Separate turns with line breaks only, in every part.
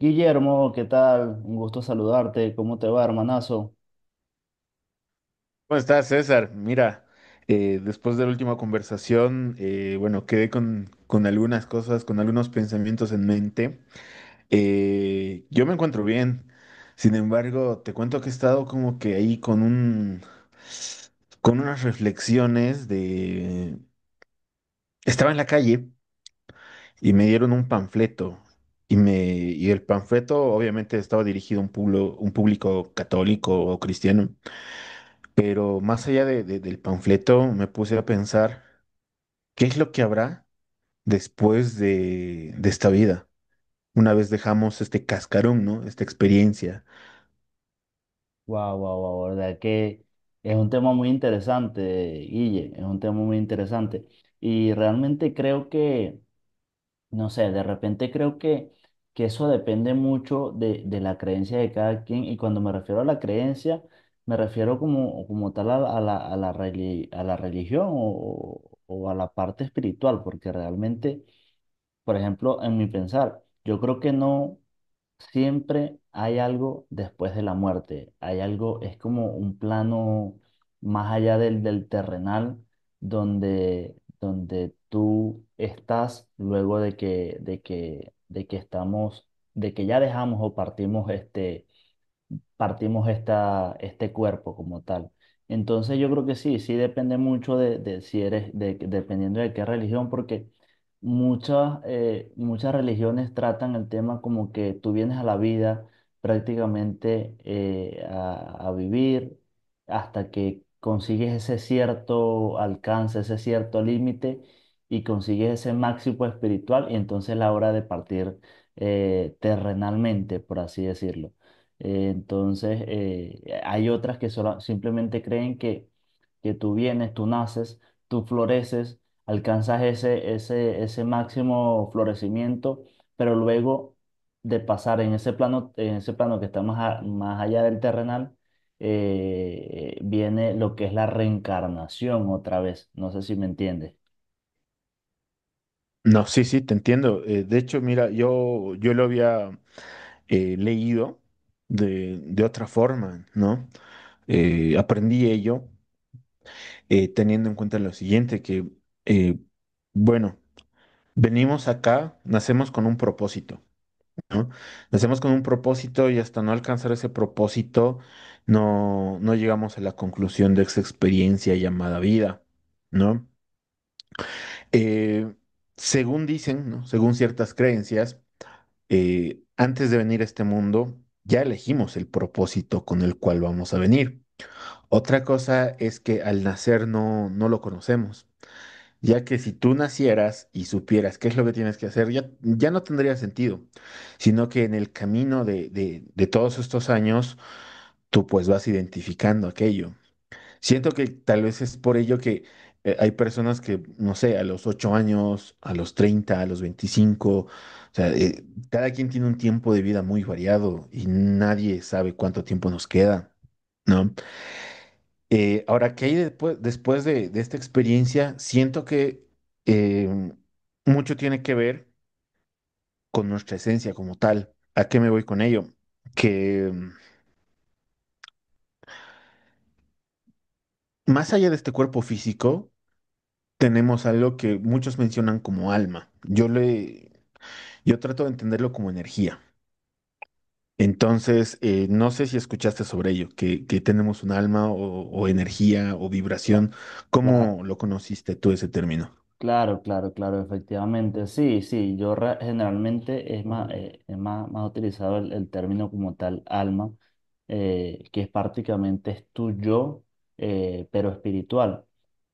Guillermo, ¿qué tal? Un gusto saludarte. ¿Cómo te va, hermanazo?
¿Cómo estás, César? Mira, después de la última conversación, bueno, quedé con algunas cosas, con algunos pensamientos en mente. Yo me encuentro bien, sin embargo, te cuento que he estado como que ahí con un, con unas reflexiones. De... Estaba en la calle y me dieron un panfleto y el panfleto obviamente estaba dirigido a un pueblo, un público católico o cristiano. Pero más allá del panfleto, me puse a pensar qué es lo que habrá después de esta vida, una vez dejamos este cascarón, ¿no? Esta experiencia.
Wow, wow, wow, verdad que es un tema muy interesante, Guille, es un tema muy interesante. Y realmente no sé, de repente creo que eso depende mucho de la creencia de cada quien. Y cuando me refiero a la creencia, me refiero como, como tal a la a la religión o a la parte espiritual, porque realmente por ejemplo, en mi pensar, yo creo que no siempre hay algo después de la muerte, hay algo, es como un plano más allá del terrenal, donde tú estás luego de que estamos, de que ya dejamos o partimos este cuerpo como tal. Entonces yo creo que sí, sí depende mucho de si dependiendo de qué religión, porque muchas, muchas religiones tratan el tema como que tú vienes a la vida prácticamente a vivir hasta que consigues ese cierto alcance, ese cierto límite y consigues ese máximo espiritual y entonces es la hora de partir terrenalmente, por así decirlo. Entonces, hay otras que solo simplemente creen que tú vienes, tú naces, tú floreces, alcanzas ese máximo florecimiento, pero luego de pasar en ese plano que está más allá del terrenal, viene lo que es la reencarnación otra vez. ¿No sé si me entiendes?
No, sí, sí, te entiendo. De hecho, mira, yo lo había leído de otra forma, ¿no? Aprendí ello teniendo en cuenta lo siguiente, eh, bueno, venimos acá, nacemos con un propósito. ¿No? Nacemos con un propósito y hasta no alcanzar ese propósito no llegamos a la conclusión de esa experiencia llamada vida, ¿no? Eh, Según dicen, ¿no? Según ciertas creencias, antes de venir a este mundo ya elegimos el propósito con el cual vamos a venir. Otra cosa es que al nacer no lo conocemos. Ya que si tú nacieras y supieras qué es lo que tienes que hacer, ya no tendría sentido, sino que en el camino de todos estos años, tú pues vas identificando aquello. Siento que tal vez es por ello que hay personas que, no sé, a los 8 años, a los 30 a los 25 o sea, cada quien tiene un tiempo de vida muy variado y nadie sabe cuánto tiempo nos queda, ¿no? Ahora, ¿qué hay después, después de esta experiencia? Siento que eh, mucho tiene que ver con nuestra esencia como tal. ¿A qué me voy con ello? Que más allá de este cuerpo físico, tenemos algo que muchos mencionan como alma. Yo trato de entenderlo como energía. Entonces, no sé si escuchaste sobre ello, que tenemos un alma o energía o
Cla-
vibración.
Claro,
¿Cómo lo conociste tú ese término?
claro, efectivamente. Sí, sí, generalmente es más, más utilizado el término como tal alma, que es prácticamente es tu yo, pero espiritual.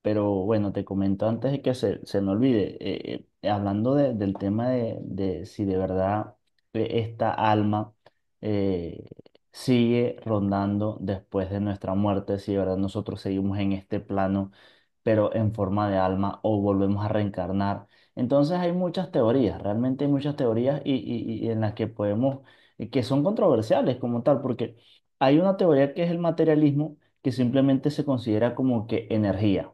Pero bueno, te comento antes de que se me olvide, hablando de- del tema de si de verdad esta alma eh, sigue rondando después de nuestra muerte, si de verdad nosotros seguimos en este plano pero en forma de alma o volvemos a reencarnar. Entonces hay muchas teorías, realmente hay muchas teorías y en las que podemos, y que son controversiales como tal, porque hay una teoría que es el materialismo, que simplemente se considera como que energía.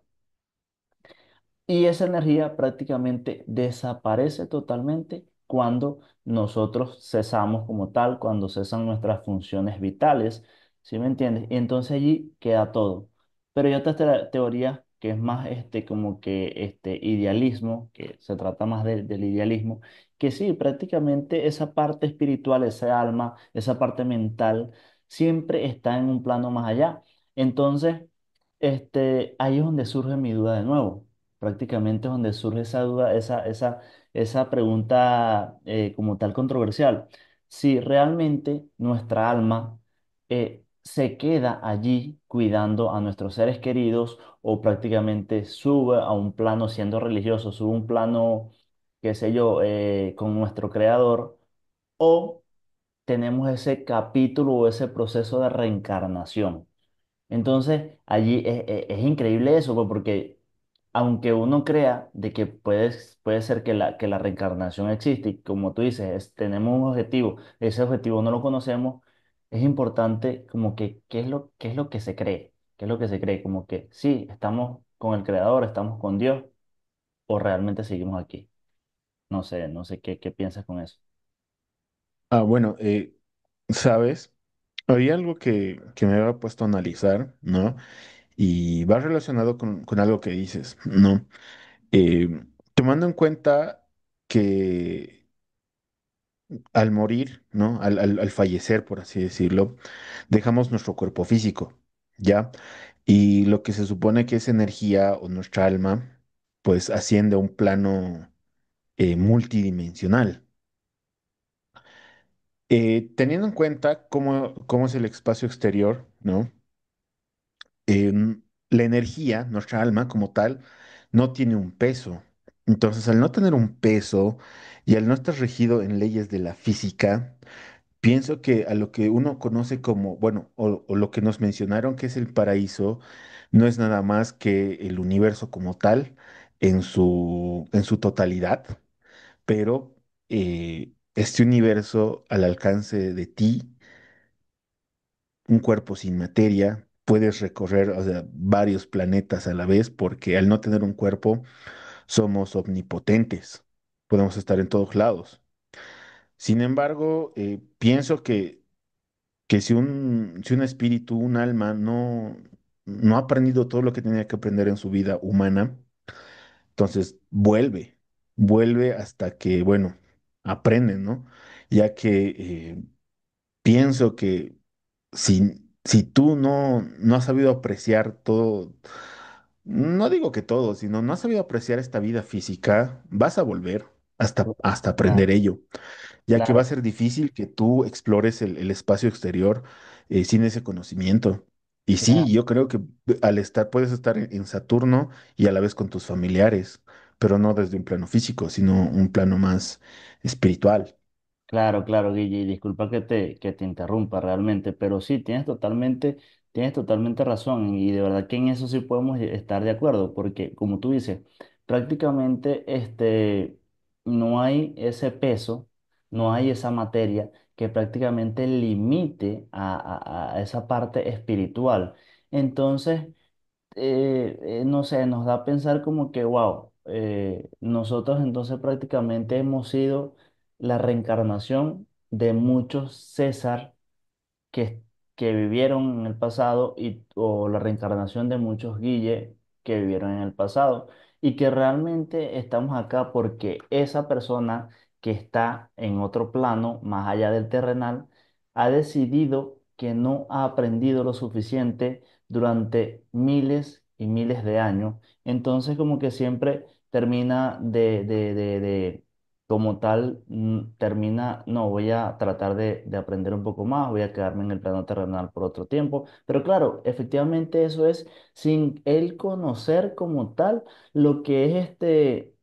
Y esa energía prácticamente desaparece totalmente cuando nosotros cesamos como tal, cuando cesan nuestras funciones vitales, ¿sí me entiendes? Y entonces allí queda todo. Pero hay otra teoría que es más este como que este idealismo, que se trata más de- del idealismo, que sí, prácticamente esa parte espiritual, esa alma, esa parte mental, siempre está en un plano más allá. Entonces, este, ahí es donde surge mi duda de nuevo, prácticamente es donde surge esa duda, esa pregunta como tal controversial. Si realmente nuestra alma se queda allí cuidando a nuestros seres queridos o prácticamente sube a un plano siendo religioso, sube a un plano, qué sé yo, con nuestro creador o tenemos ese capítulo o ese proceso de reencarnación. Entonces, es increíble eso, pues, porque aunque uno crea de que puedes, puede ser que que la reencarnación existe, y como tú dices, es- tenemos un objetivo, ese objetivo no lo conocemos, es importante como que qué es lo que se cree, qué es lo que se cree, como que sí, estamos con el Creador, estamos con Dios, o realmente seguimos aquí. No sé, no sé qué, qué piensas con eso.
Ah, bueno, ¿sabes? Había algo que me había puesto a analizar, ¿no? Y va relacionado con algo que dices, ¿no? Eh, Tomando en cuenta que al morir, ¿no? Al fallecer, por así decirlo, dejamos nuestro cuerpo físico, ¿ya? Y lo que se supone que es energía o nuestra alma, pues asciende a un plano multidimensional. Teniendo en cuenta cómo, cómo es el espacio exterior, ¿no? em, la energía, nuestra alma como tal, no tiene un peso. Entonces, al no tener un peso y al no estar regido en leyes de la física, pienso que a lo que uno conoce como, bueno, o lo que nos mencionaron que es el paraíso, no es nada más que el universo como tal en su totalidad, pero este universo al alcance de ti, un cuerpo sin materia, puedes recorrer, o sea, varios planetas a la vez, porque al no tener un cuerpo somos omnipotentes, podemos estar en todos lados. Sin embargo, pienso que si un, si un espíritu, un alma, no, no ha aprendido todo lo que tenía que aprender en su vida humana, entonces vuelve, vuelve hasta que, bueno, aprende, ¿no? Ya que eh, pienso que si, si tú no, no has sabido apreciar todo, no digo que todo, sino no has sabido apreciar esta vida física, vas a volver hasta, hasta aprender
Claro,
ello, ya que va a
claro,
ser difícil que tú explores el espacio exterior sin ese conocimiento. Y sí,
claro.
yo creo que al estar, puedes estar en Saturno y a la vez con tus familiares, pero no desde un plano físico, sino un plano más espiritual.
Claro, claro, Guille, y disculpa que te interrumpa realmente, pero sí, tienes totalmente razón y de verdad que en eso sí podemos estar de acuerdo, porque como tú dices, prácticamente este, no hay ese peso, no hay esa materia que prácticamente limite a esa parte espiritual. Entonces, no sé, nos da a pensar como que, wow, nosotros entonces prácticamente hemos sido la reencarnación de muchos César que, que vivieron en el pasado y, o la reencarnación de muchos Guille que vivieron en el pasado y que realmente estamos acá porque esa persona que está en otro plano, más allá del terrenal, ha decidido que no ha aprendido lo suficiente durante miles y miles de años. Entonces como que siempre termina de como tal mm, termina, no, voy a tratar de aprender un poco más, voy a quedarme en el plano terrenal por otro tiempo, pero claro, efectivamente eso es sin él conocer como tal lo que es este,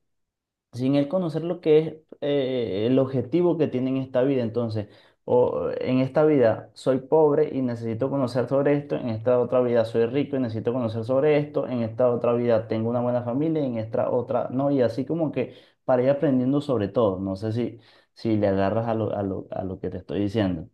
sin él conocer lo que es el objetivo que tiene en esta vida. Entonces, o en esta vida soy pobre y necesito conocer sobre esto, en esta otra vida soy rico y necesito conocer sobre esto, en esta otra vida tengo una buena familia y en esta otra no, y así como que para ir aprendiendo sobre todo. No sé si, si le agarras a lo que te estoy diciendo.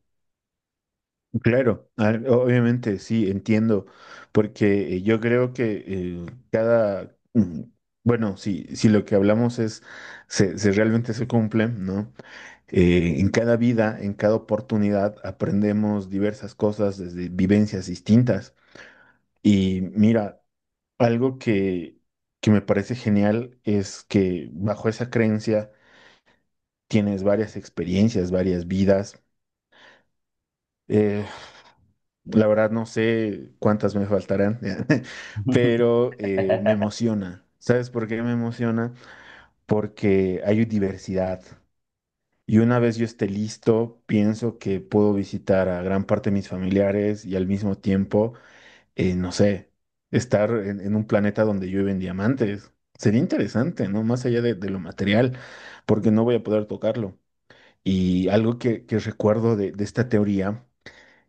Claro, ah, obviamente sí, entiendo, porque yo creo que cada, mm, bueno, si, si lo que hablamos se, se realmente se cumple, ¿no? En cada vida, en cada oportunidad, aprendemos diversas cosas desde vivencias distintas. Y mira, algo que me parece genial es que bajo esa creencia tienes varias experiencias, varias vidas. Eh, La verdad no sé cuántas me faltarán, pero me emociona. ¿Sabes por qué me emociona? Porque hay diversidad. Y una vez yo esté listo, pienso que puedo visitar a gran parte de mis familiares y al mismo tiempo, no sé, estar en un planeta donde llueven diamantes. Sería interesante, ¿no? Más allá de lo material, porque no voy a poder tocarlo. Y algo que recuerdo de esta teoría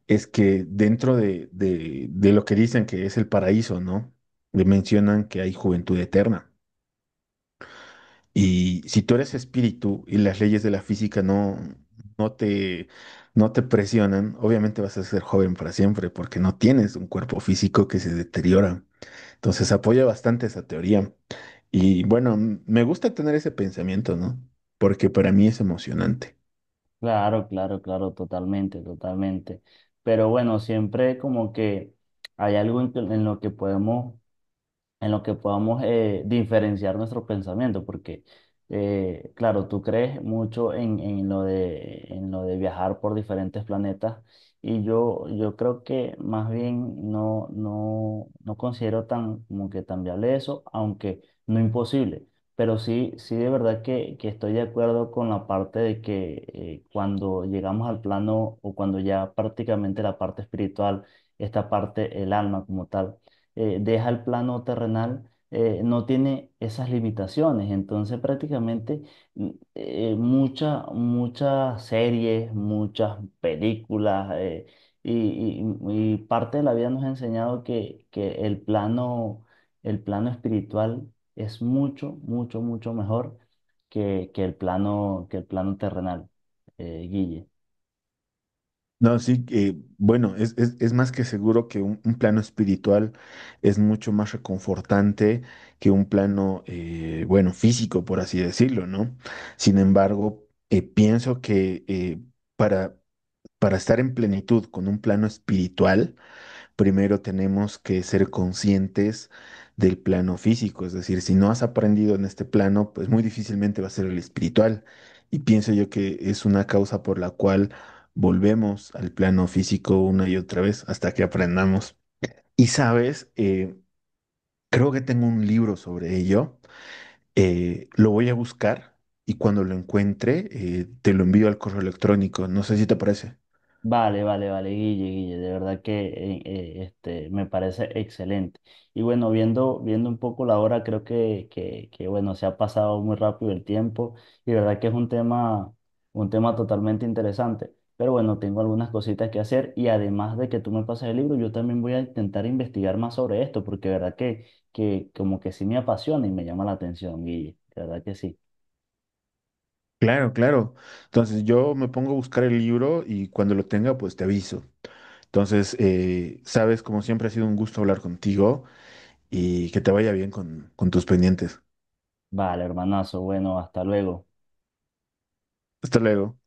es que dentro de lo que dicen que es el paraíso, ¿no? Le mencionan que hay juventud eterna. Y si tú eres espíritu y las leyes de la física no, no te, no te presionan, obviamente vas a ser joven para siempre porque no tienes un cuerpo físico que se deteriora. Entonces apoya bastante esa teoría. Y bueno, me gusta tener ese pensamiento, ¿no? Porque para mí es emocionante.
Claro, claro, claro, totalmente, totalmente. Pero bueno, siempre como que hay algo en lo que podemos, en lo que podamos diferenciar nuestro pensamiento, porque, claro, tú crees mucho en lo de viajar por diferentes planetas y yo creo que más bien no, no, no considero tan, como que tan viable eso, aunque no imposible. Pero sí, sí de verdad que estoy de acuerdo con la parte de que cuando llegamos al plano o cuando ya prácticamente la parte espiritual, esta parte, el alma como tal, deja el plano terrenal, no tiene esas limitaciones. Entonces prácticamente mm, muchas series, muchas películas y, y parte de la vida nos ha enseñado que el plano espiritual es mucho, mucho, mucho mejor que el plano terrenal, Guille.
No, sí, bueno, es, es más que seguro que un plano espiritual es mucho más reconfortante que un plano, bueno, físico, por así decirlo, ¿no? Sin embargo, pienso que para, para estar en plenitud con un plano espiritual, primero tenemos que ser conscientes del plano físico, es decir, si no has aprendido en este plano, pues muy difícilmente va a ser el espiritual. Y pienso yo que es una causa por la cual volvemos al plano físico una y otra vez hasta que aprendamos. Y sabes, creo que tengo un libro sobre ello, lo voy a buscar y cuando lo encuentre, te lo envío al correo electrónico, no sé si te parece.
Vale, vale, vale, Guille, Guille, de verdad que este, me parece excelente. Y bueno, viendo, viendo un poco la hora, creo bueno, se ha pasado muy rápido el tiempo y de verdad que es un tema totalmente interesante. Pero bueno, tengo algunas cositas que hacer y además de que tú me pases el libro, yo también voy a intentar investigar más sobre esto porque de verdad que como que sí me apasiona y me llama la atención, Guille, de verdad que sí.
Claro, claro. Entonces yo me pongo a buscar el libro y cuando lo tenga, pues te aviso. Entonces, sabes, como siempre ha sido un gusto hablar contigo y que te vaya bien con tus pendientes.
Vale, hermanazo, bueno, hasta luego.
Hasta luego.